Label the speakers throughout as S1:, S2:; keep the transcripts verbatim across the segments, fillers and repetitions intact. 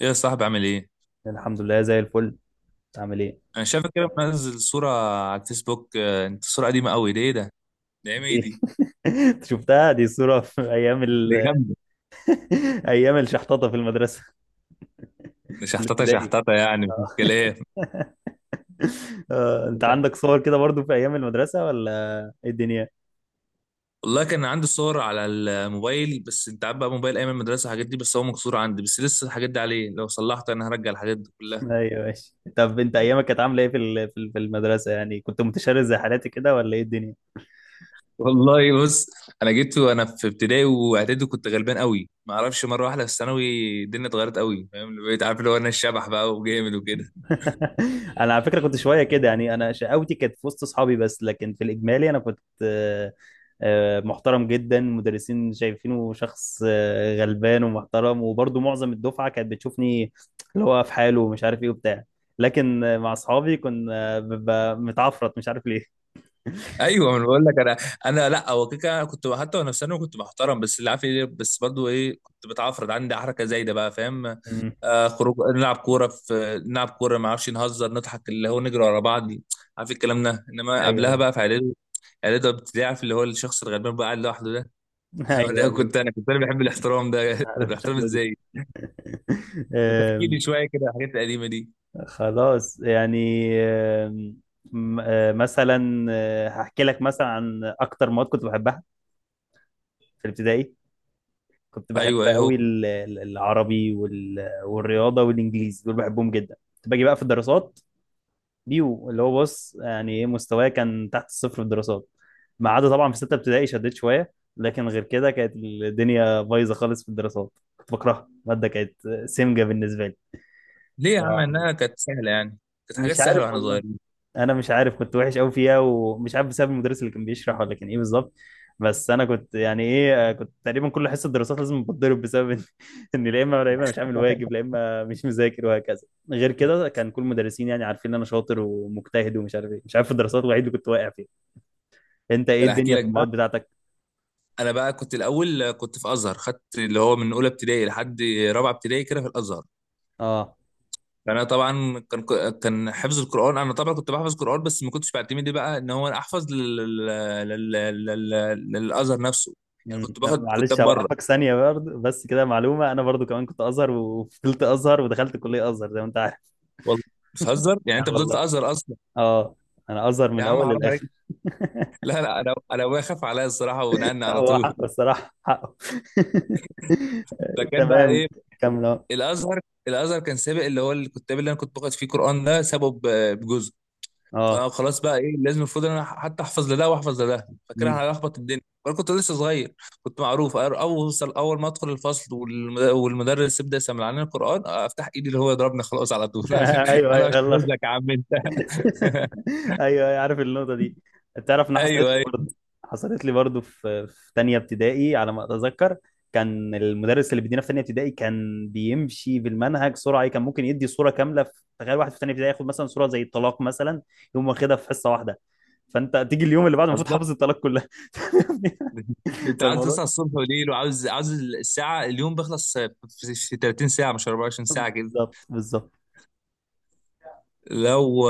S1: ايه يا صاحبي عامل ايه؟
S2: الحمد لله زي الفل. عامل ايه؟
S1: انا شايفك كده منزل صورة على الفيسبوك، آه، انت صورة قديمة قوي، ده ايه ده؟ ده ايام ايه
S2: دي
S1: دي؟
S2: أنت شفتها؟ دي صورة في ايام
S1: ده
S2: ال...
S1: جامدة،
S2: ايام الشحططة في المدرسة،
S1: ده
S2: في
S1: شحططة
S2: الابتدائي.
S1: شحططة يعني
S2: آه.
S1: مفيش كلام.
S2: آه، انت عندك صور كده برضو في ايام المدرسة ولا ايه الدنيا؟
S1: والله كان عندي صور على الموبايل، بس انت عارف بقى موبايل ايام المدرسة الحاجات دي، بس هو مكسور عندي، بس لسه الحاجات دي عليه، لو صلحت انا هرجع الحاجات دي كلها.
S2: ايوه ماشي. طب انت ايامك كانت عاملة ايه في ال... في ال- في المدرسة؟ يعني كنت متشرد زي حالاتي كده ولا ايه الدنيا؟
S1: والله بص، انا جيت وانا في ابتدائي واعدادي كنت غلبان قوي، ما اعرفش، مرة واحدة في الثانوي الدنيا اتغيرت قوي، فاهم؟ بقيت عارف اللي هو انا الشبح بقى وجامد.
S2: انا على فكره كنت شويه كده، يعني انا شقاوتي كانت في وسط اصحابي بس، لكن في الاجمالي انا كنت آه، آه، محترم جدا. مدرسين شايفينه شخص آه، غلبان ومحترم، وبرضه معظم الدفعه كانت بتشوفني اللي هو في حاله ومش عارف ايه وبتاع. لكن آه، مع اصحابي كنا ببقى متعفرت، مش عارف ليه.
S1: ايوه، ما انا بقول لك، انا انا لا، هو كده كده أنا كنت حتى وانا في ثانوي كنت محترم، بس اللي عارف ايه، بس برضو ايه، كنت بتعفرض، عندي حركه زايده بقى، فاهم؟
S2: مم.
S1: آه خروج نلعب كوره، في نلعب كوره ما اعرفش، نهزر نضحك اللي هو نجري ورا بعض، عارف الكلام ده، انما
S2: ايوه
S1: قبلها
S2: ايوه.
S1: بقى في اعدادي، اعدادي ابتدائي، عارف اللي هو الشخص الغلبان بقى قاعد لوحده ده. هو
S2: ايوه
S1: ده،
S2: ايوه،
S1: كنت انا كنت انا بحب الاحترام ده.
S2: عارف
S1: الاحترام
S2: الشكل دي.
S1: ازاي؟ بتحكي لي شويه كده على الحاجات القديمه دي؟
S2: خلاص. يعني آم، م- آه، مثلا آه، هحكي لك مثلا عن اكتر مواد كنت بحبها. في الابتدائي كنت بحب
S1: ايوه ايوه.
S2: قوي ال- ال- العربي وال- والرياضه والانجليزي، دول بحبهم جدا. كنت باجي بقى في الدراسات، بيو، اللي هو بص يعني ايه، مستواي كان تحت الصفر في الدراسات، ما عدا طبعا في سته ابتدائي شديت شويه، لكن غير كده كانت الدنيا بايظه خالص في الدراسات. كنت بكرهها، الماده كانت سمجه بالنسبه لي.
S1: ليه يا عم؟ انها كانت سهله يعني، كانت حاجات
S2: مش عارف
S1: سهله واحنا
S2: والله.
S1: صغيرين.
S2: انا مش عارف، كنت وحش قوي فيها ومش عارف بسبب المدرس اللي كان بيشرح ولا كان ايه بالظبط. بس انا كنت يعني ايه، آه، كنت تقريبا كل حصه دراسات لازم بتضرب، بسبب ان إن لا اما لا اما مش عامل واجب، لا اما مش مذاكر، وهكذا. غير كده كان كل المدرسين يعني عارفين ان انا شاطر ومجتهد ومش عارف ايه، مش عارف، في الدراسات الوحيد اللي كنت واقع فيه. انت ايه
S1: انا احكي
S2: الدنيا في
S1: لك
S2: المواد
S1: بقى.
S2: بتاعتك؟
S1: انا بقى كنت الاول كنت في ازهر، خدت اللي هو من اولى ابتدائي لحد رابعه ابتدائي كده في الازهر.
S2: اه.
S1: فانا طبعا كان كان حفظ القران، انا طبعا كنت بحفظ قران، بس ما كنتش بعتمد إيه بقى ان هو انا احفظ لل... لل... لل... لل... للازهر نفسه. يعني
S2: امم
S1: كنت
S2: لا،
S1: باخد كتاب
S2: معلش
S1: بره.
S2: هوقفك ثانيه برضه، بس كده معلومه، انا برضه كمان كنت ازهر وفضلت ازهر ودخلت كليه ازهر زي ما انت عارف.
S1: والله بتهزر يعني، انت
S2: اه
S1: فضلت
S2: والله.
S1: ازهر اصلا؟
S2: اه، انا ازهر من
S1: يا عم
S2: الاول
S1: حرام عليك.
S2: للاخر.
S1: لا لا، انا انا ابويا خاف عليا الصراحه ونقلني على
S2: هو
S1: طول.
S2: حقه الصراحة، حقه.
S1: فكان بقى
S2: تمام،
S1: ايه؟
S2: كمل اهو.
S1: الازهر الازهر كان سابق اللي هو الكتاب اللي انا كنت باخد فيه قران ده، سابه ب- بجزء.
S2: اه.
S1: فخلاص بقى ايه، لازم المفروض ان انا حتى احفظ لده واحفظ لده، فكده
S2: أمم.
S1: هلخبط الدنيا وانا كنت لسه صغير. كنت معروف، أر- اوصل اول ما ادخل الفصل، والمد- والمدرس يبدا يسمع لنا القران، افتح ايدي اللي هو يضربني خلاص على طول.
S2: ايوه
S1: انا
S2: ايوه،
S1: مش
S2: يلا.
S1: هنزلك يا عم انت.
S2: ايوه ايوه عارف النقطة دي. تعرف ان
S1: ايوه
S2: حصلت لي
S1: ايوه.
S2: برضه، حصلت لي برضه في في تانية ابتدائي على ما اتذكر. كان المدرس اللي بيدينا في تانية ابتدائي كان بيمشي بالمنهج سرعة، كان ممكن يدي صورة كاملة. في تخيل واحد في تانية ابتدائي ياخد مثلا صورة زي الطلاق مثلا، يقوم واخدها في حصة واحدة، فانت تيجي اليوم اللي بعده المفروض
S1: اصدر،
S2: حافظ الطلاق كلها.
S1: انت عاوز
S2: فالموضوع،
S1: تصحى الصبح وليل، وعاوز عاوز الساعه اليوم بيخلص في في 30 ساعه مش 24 ساعه كده.
S2: بالظبط بالظبط.
S1: لو،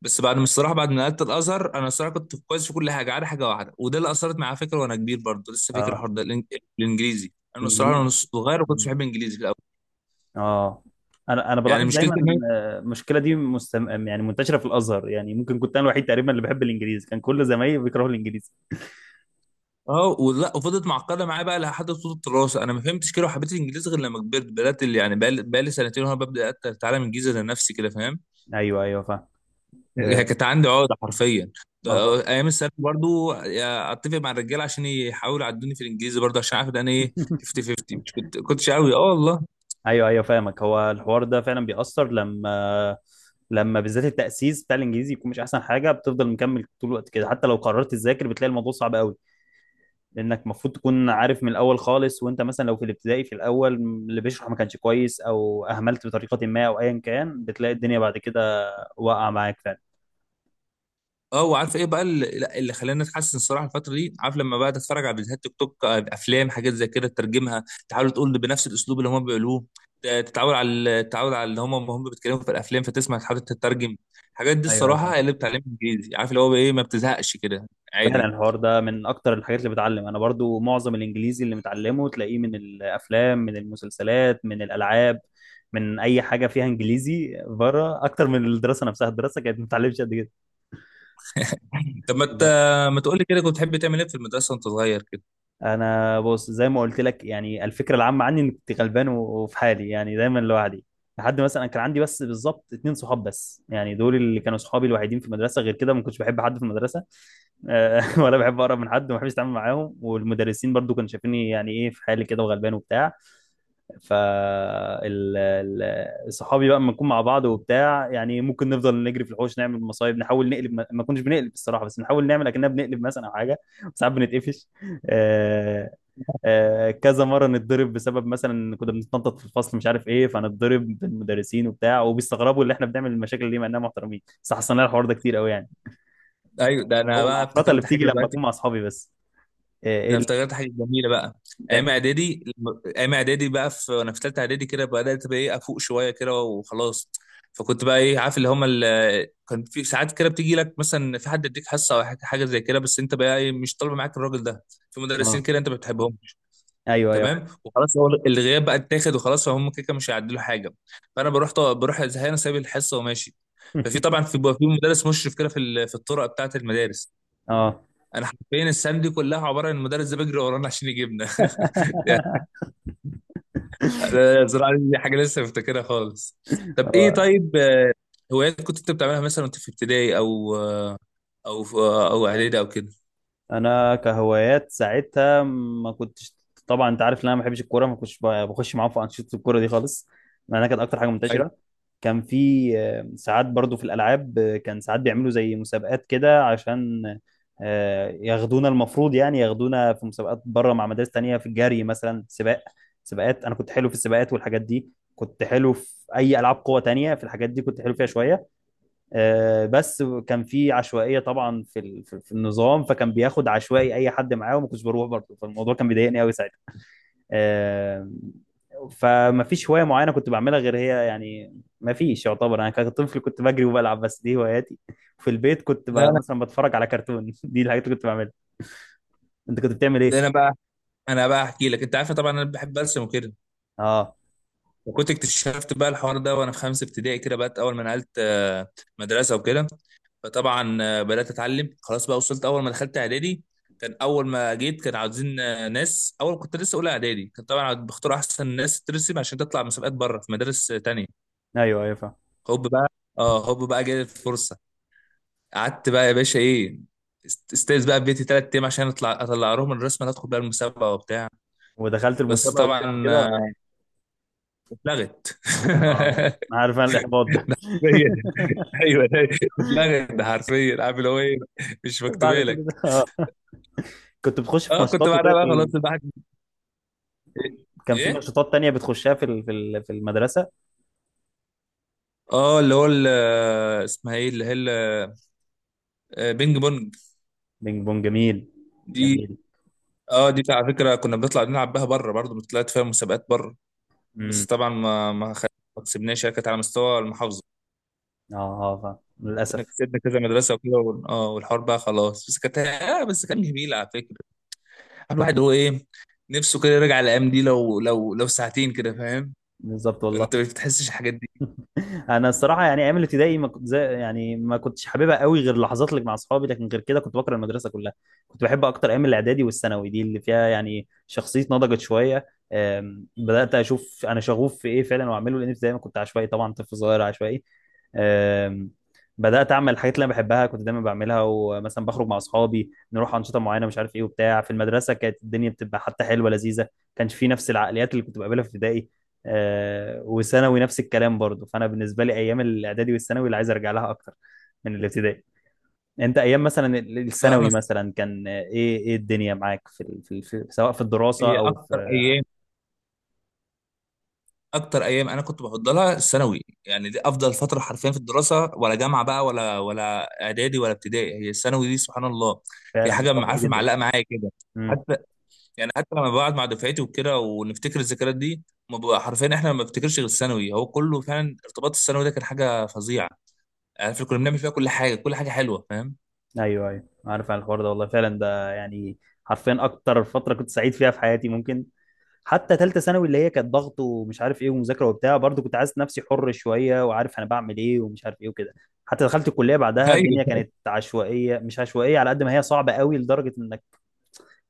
S1: بس بعد ما الصراحه، بعد ما نقلت الازهر، انا الصراحه كنت كويس في كل حاجه. عارف حاجه واحده وده اللي اثرت معايا، فكره وانا كبير برضه لسه فاكر
S2: اه،
S1: الحوار ده، الإنج- الانجليزي. انا الصراحه
S2: انجليزي.
S1: وانا صغير ما كنتش
S2: مم.
S1: بحب الانجليزي في الاول.
S2: اه. انا انا
S1: يعني
S2: بلاحظ دايما
S1: مشكلتي ان أنا-
S2: آه، المشكله دي مستم... يعني منتشره في الازهر، يعني ممكن كنت انا الوحيد تقريبا اللي بحب الانجليزي، كان كل زمايلي بيكرهوا الانجليزي.
S1: اه، ولا وفضلت معقده معايا بقى لحد طول الدراسه، انا ما فهمتش كده وحبيت الانجليزي غير لما كبرت، بدات اللي يعني بقى لي سنتين وانا ببدا أت- اتعلم انجليزي لنفسي كده، فاهم؟
S2: ايوه ايوه فاهم.
S1: هي
S2: آه،
S1: كانت عندي عقده حرفيا.
S2: ما هو.
S1: ايام الثانوي برضو اتفق مع الرجاله عشان يحاولوا يعدوني في الانجليزي، برضو عشان عارف ان انا ايه، فيفتي فيفتي، مش كنت كنتش قوي. اه والله.
S2: ايوه ايوه فاهمك. هو الحوار ده فعلا بيأثر لما لما بالذات التأسيس بتاع الانجليزي يكون مش احسن حاجه، بتفضل مكمل طول الوقت كده، حتى لو قررت تذاكر بتلاقي الموضوع صعب قوي، لانك المفروض تكون عارف من الاول خالص. وانت مثلا لو في الابتدائي في الاول اللي بيشرح ما كانش كويس او اهملت بطريقه ما او ايا كان، بتلاقي الدنيا بعد كده واقعه معاك فعلا.
S1: اه، وعارف ايه بقى اللي، لا، اللي خلاني اتحسن الصراحه الفتره دي، عارف لما بقى اتفرج على فيديوهات تيك توك، آه، افلام، حاجات زي كده تترجمها، تحاول تقول بنفس الاسلوب اللي هم بيقولوه. ت- تتعود على تتعود على اللي هم هم بيتكلموا في الافلام، فتسمع تحاول تترجم. الحاجات دي
S2: ايوه أيوة، فعلا.
S1: الصراحه هي اللي بتعلمني انجليزي، عارف اللي هو ايه، ما بتزهقش كده،
S2: فعلا
S1: عادي.
S2: الحوار ده من اكتر الحاجات اللي بتعلم. انا برضو معظم الانجليزي اللي متعلمه تلاقيه من الافلام، من المسلسلات، من الالعاب، من اي حاجه فيها انجليزي بره، اكتر من الدراسه نفسها. الدراسه كانت ما بتتعلمش قد
S1: طب ما ت...
S2: كده.
S1: ما تقول لي كده، كنت بتحب تعمل ايه في المدرسه وانت صغير كده؟
S2: انا بص زي ما قلت لك، يعني الفكره العامه عني اني كنت غلبان و- وفي حالي، يعني دايما لوحدي. لحد مثلا كان عندي بس بالظبط اتنين صحاب بس، يعني دول اللي كانوا صحابي الوحيدين في المدرسه. غير كده ما كنتش بحب حد في المدرسه، آه، ولا بحب اقرب من حد وما بحبش اتعامل معاهم. والمدرسين برضو كانوا شايفيني يعني ايه في حالي كده وغلبان وبتاع. ف ال- ال- صحابي بقى لما نكون مع بعض وبتاع، يعني ممكن نفضل نجري في الحوش، نعمل مصايب، نحاول نقلب، ما ما كناش بنقلب الصراحه، بس نحاول نعمل اكننا بنقلب مثلا او حاجه. ساعات بنتقفش. آه، آه، كذا مره نتضرب بسبب مثلا إن كنا بنتنطط في الفصل مش عارف ايه، فنتضرب بالمدرسين وبتاع، وبيستغربوا اللي احنا بنعمل المشاكل دي مع اننا محترمين، بس حصل لنا الحوار ده كتير قوي يعني.
S1: ايوه، ده انا
S2: هو
S1: بقى
S2: العفرطه اللي
S1: افتكرت
S2: بتيجي
S1: حاجه
S2: لما
S1: دلوقتي،
S2: اكون مع اصحابي بس. آه، ايه
S1: انا
S2: اللي.
S1: افتكرت حاجه جميله بقى. ايام اعدادي لما- ايام اعدادي بقى في وانا في ثالثه اعدادي كده، بدات بقى ايه افوق شويه كده وخلاص. فكنت بقى ايه عارف اللي هم ال... كان في ساعات كده بتيجي لك مثلا في حد يديك حصه او حاجه حاجة زي كده، بس انت بقى ايه، مش طالبه معاك الراجل ده، في مدرسين
S2: اه
S1: كده انت ما بتحبهم،
S2: ايوه ايوه.
S1: تمام. وخلاص هو الغياب بقى اتاخد وخلاص، فهم كده كده مش هيعدلوا حاجه. فانا بروح طو... بروح زهقان سايب الحصه وماشي. ففي طبعا، في بيبقى في مدرس مشرف كده، في ال... في الطرق بتاعه المدارس.
S2: اه.
S1: انا حرفيا السنه دي كلها عباره عن المدرس ده بيجري ورانا عشان يجيبنا. يعني، أنا بصراحه دي حاجه لسه مفتكرها خالص. طب ايه،
S2: هو
S1: طيب، آه، هوايات كنت انت بتعملها مثلا وانت في ابتدائي او، آه، او في- آه، او اعدادي او كده؟
S2: انا كهوايات ساعتها ما كنتش، طبعا انت عارف ان انا ما بحبش الكوره، ما كنتش ب- بخش معاهم في انشطه الكوره دي خالص، مع انها كانت اكتر حاجه
S1: أيوة.
S2: منتشره. كان في آه، ساعات برضو في الالعاب، آه، كان ساعات بيعملوا زي مسابقات كده عشان آه، ياخدونا، المفروض يعني ياخدونا في مسابقات بره مع مدارس تانية في الجري مثلا، سباق، سباقات. انا كنت حلو في السباقات والحاجات دي، كنت حلو في اي العاب قوه تانية، في الحاجات دي كنت حلو فيها شويه. آه، بس كان في عشوائيه طبعا في ال- في في النظام، فكان بياخد عشوائي اي حد معاه وما كنتش بروح برضه، فالموضوع كان بيضايقني قوي ساعتها. آه، فما فيش هوايه معينه كنت بعملها غير هي يعني، ما فيش، يعتبر انا كطفل كنت بجري وبلعب بس، دي هواياتي. في البيت كنت ب...
S1: لا لا،
S2: مثلا بتفرج على كرتون، دي الحاجات اللي كنت بعملها. انت كنت بتعمل
S1: ده
S2: ايه؟
S1: انا بقى، انا بقى احكي لك. انت عارفه طبعا انا بحب ارسم وكده،
S2: اه
S1: وكنت اكتشفت بقى الحوار ده وانا في خمسه ابتدائي كده بقى، اول ما نقلت آه، مدرسه وكده. فطبعا آه، بدات اتعلم خلاص بقى، وصلت اول ما دخلت اعدادي، كان اول ما جيت كان عاوزين آه، ناس، اول كنت لسه اولى اعدادي، كان طبعا بختار احسن ناس ترسم عشان تطلع مسابقات بره في مدارس آه، تانية.
S2: ايوه ايوه فاهم.
S1: هوب بقى. اه هوب بقى جالي الفرصه. قعدت بقى يا باشا ايه، است- استاذ بقى في بيتي ثلاث ايام عشان اطلع اطلع لهم الرسمه اللي ادخل بقى المسابقه وبتاع.
S2: ودخلت
S1: بس
S2: المسابقه وكسبت
S1: طبعا،
S2: كده ولا
S1: آه،
S2: ايه؟
S1: اتلغت.
S2: اه، عارف انا الاحباط ده.
S1: ايوه، ده اتلغت، ده حرفيا عارف اللي هو ايه، مش
S2: بعد
S1: مكتوبه
S2: كل ده؟
S1: لك.
S2: اه، كنت بتخش في
S1: اه، كنت
S2: ماتشات
S1: بعدها
S2: وكده في
S1: بقى
S2: ال...
S1: خلاص الواحد، ايه،
S2: كان في
S1: إيه؟
S2: نشاطات تانية بتخشها في ال- في ال- في المدرسة؟
S1: اه، اللي هو ال-، اسمها ايه اللي هي ال-، آه، بينج بونج،
S2: بينج بونج، جميل،
S1: دي.
S2: جميل.
S1: اه، دي على فكره كنا بنطلع نلعب بها بره برضه، طلعت فيها مسابقات بره. بس
S2: امم.
S1: طبعا ما ما خ- ما كسبناش، هي كانت على مستوى المحافظه.
S2: اه اه فاهم.
S1: كنا
S2: للأسف.
S1: كسبنا كذا مدرسه وكده، وال- اه والحوار بقى خلاص، بس كانت آه بس كان جميل على فكره. الواحد، هو ايه، نفسه كده يرجع الايام دي لو لو لو ساعتين كده، فاهم؟
S2: بالظبط
S1: ولا
S2: والله.
S1: انت مش بتحسش الحاجات دي؟
S2: انا الصراحه يعني ايام الابتدائي ما كنت زي، يعني ما كنتش حاببها قوي غير اللحظات اللي مع اصحابي، لكن غير كده كنت بكره المدرسه كلها. كنت بحب اكتر ايام الاعدادي والثانوي، دي اللي فيها يعني شخصيتي نضجت شويه. أم، بدات اشوف انا شغوف في ايه فعلا واعمله، لان زي ما كنت عشوائي طبعا، طفل صغير عشوائي. أم، بدات اعمل الحاجات اللي انا بحبها كنت دايما بعملها، ومثلا بخرج مع اصحابي نروح انشطه معينه مش عارف ايه وبتاع. في المدرسه كانت الدنيا بتبقى حتى حلوه لذيذه، كانش في نفس العقليات اللي كنت بقابلها في ابتدائي. آه، وثانوي نفس الكلام برضو. فانا بالنسبه لي ايام الاعدادي والثانوي اللي عايز ارجع لها اكتر من الابتدائي. انت ايام مثلا ال-
S1: لا انا،
S2: الثانوي مثلا كان آه، ايه، ايه الدنيا معاك في، ال- في, ال- في، سواء في الدراسه
S1: هي
S2: او
S1: اكتر
S2: في.
S1: ايام، اكتر ايام انا كنت بفضلها الثانوي، يعني دي افضل فتره حرفيا في الدراسه ولا جامعه بقى، ولا ولا اعدادي ولا ابتدائي، هي الثانوي دي سبحان الله. هي
S2: فعلا
S1: حاجه م-
S2: متفق
S1: عارفه
S2: جدا.
S1: معلقه معايا كده،
S2: امم.
S1: حتى، يعني حتى لما بقعد مع دفعتي وكده ونفتكر الذكريات دي، ما بقى حرفيا احنا ما بنفتكرش غير الثانوي، هو كله فعلا ارتباط الثانوي ده كان حاجه فظيعه، عارف كنا بنعمل فيها كل حاجه، كل حاجه حلوه، فاهم؟
S2: ايوه ايوه عارف عن الحوار ده والله، فعلا ده يعني حرفيا اكتر فتره كنت سعيد فيها في حياتي ممكن. حتى ثالثه ثانوي اللي هي كانت ضغط ومش عارف ايه ومذاكره وبتاع، برضو كنت حاسس نفسي حر شويه وعارف انا بعمل ايه ومش عارف ايه وكده. حتى دخلت الكليه بعدها
S1: ايوه.
S2: الدنيا كانت عشوائيه، مش عشوائيه على قد ما هي صعبه قوي لدرجه انك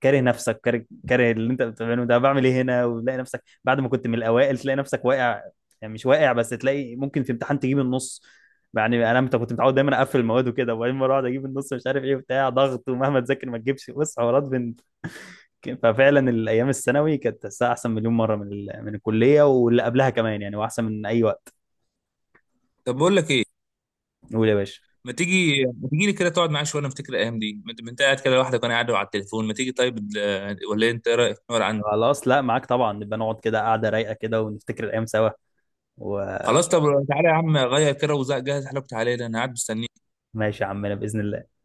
S2: كاره نفسك، كاره كاره اللي انت بتعمله، ده بعمل ايه هنا، وتلاقي نفسك بعد ما كنت من الاوائل تلاقي نفسك واقع. يعني مش واقع بس، تلاقي ممكن في امتحان تجيب النص. يعني انا مت- كنت متعود دايما اقفل المواد وكده، وبعدين مره اقعد اجيب النص مش عارف ايه وبتاع، ضغط ومهما تذاكر ما تجيبش، بص حوارات. ففعلا الايام الثانوي كانت تحسها احسن مليون مره من ال... من الكليه واللي قبلها كمان، يعني واحسن من اي وقت.
S1: طب بقول لك ايه،
S2: قول يا باشا.
S1: ما تيجي ما تيجي لي كده تقعد معايا شويه، انا افتكر الايام دي. ما انت ما أنت قاعد كده لوحدك وانا قاعد على التليفون، ما تيجي؟ طيب، ال- ولا إيه؟ انت ايه رايك، نقعد عندي؟
S2: خلاص، لا معاك طبعا، نبقى نقعد كده قاعده رايقه كده ونفتكر الايام سوا، وماشي.
S1: خلاص طب تعالى يا عم، غير كده وجهز حالك وتعالى لي، انا قاعد مستنيك.
S2: يا عمنا باذن الله.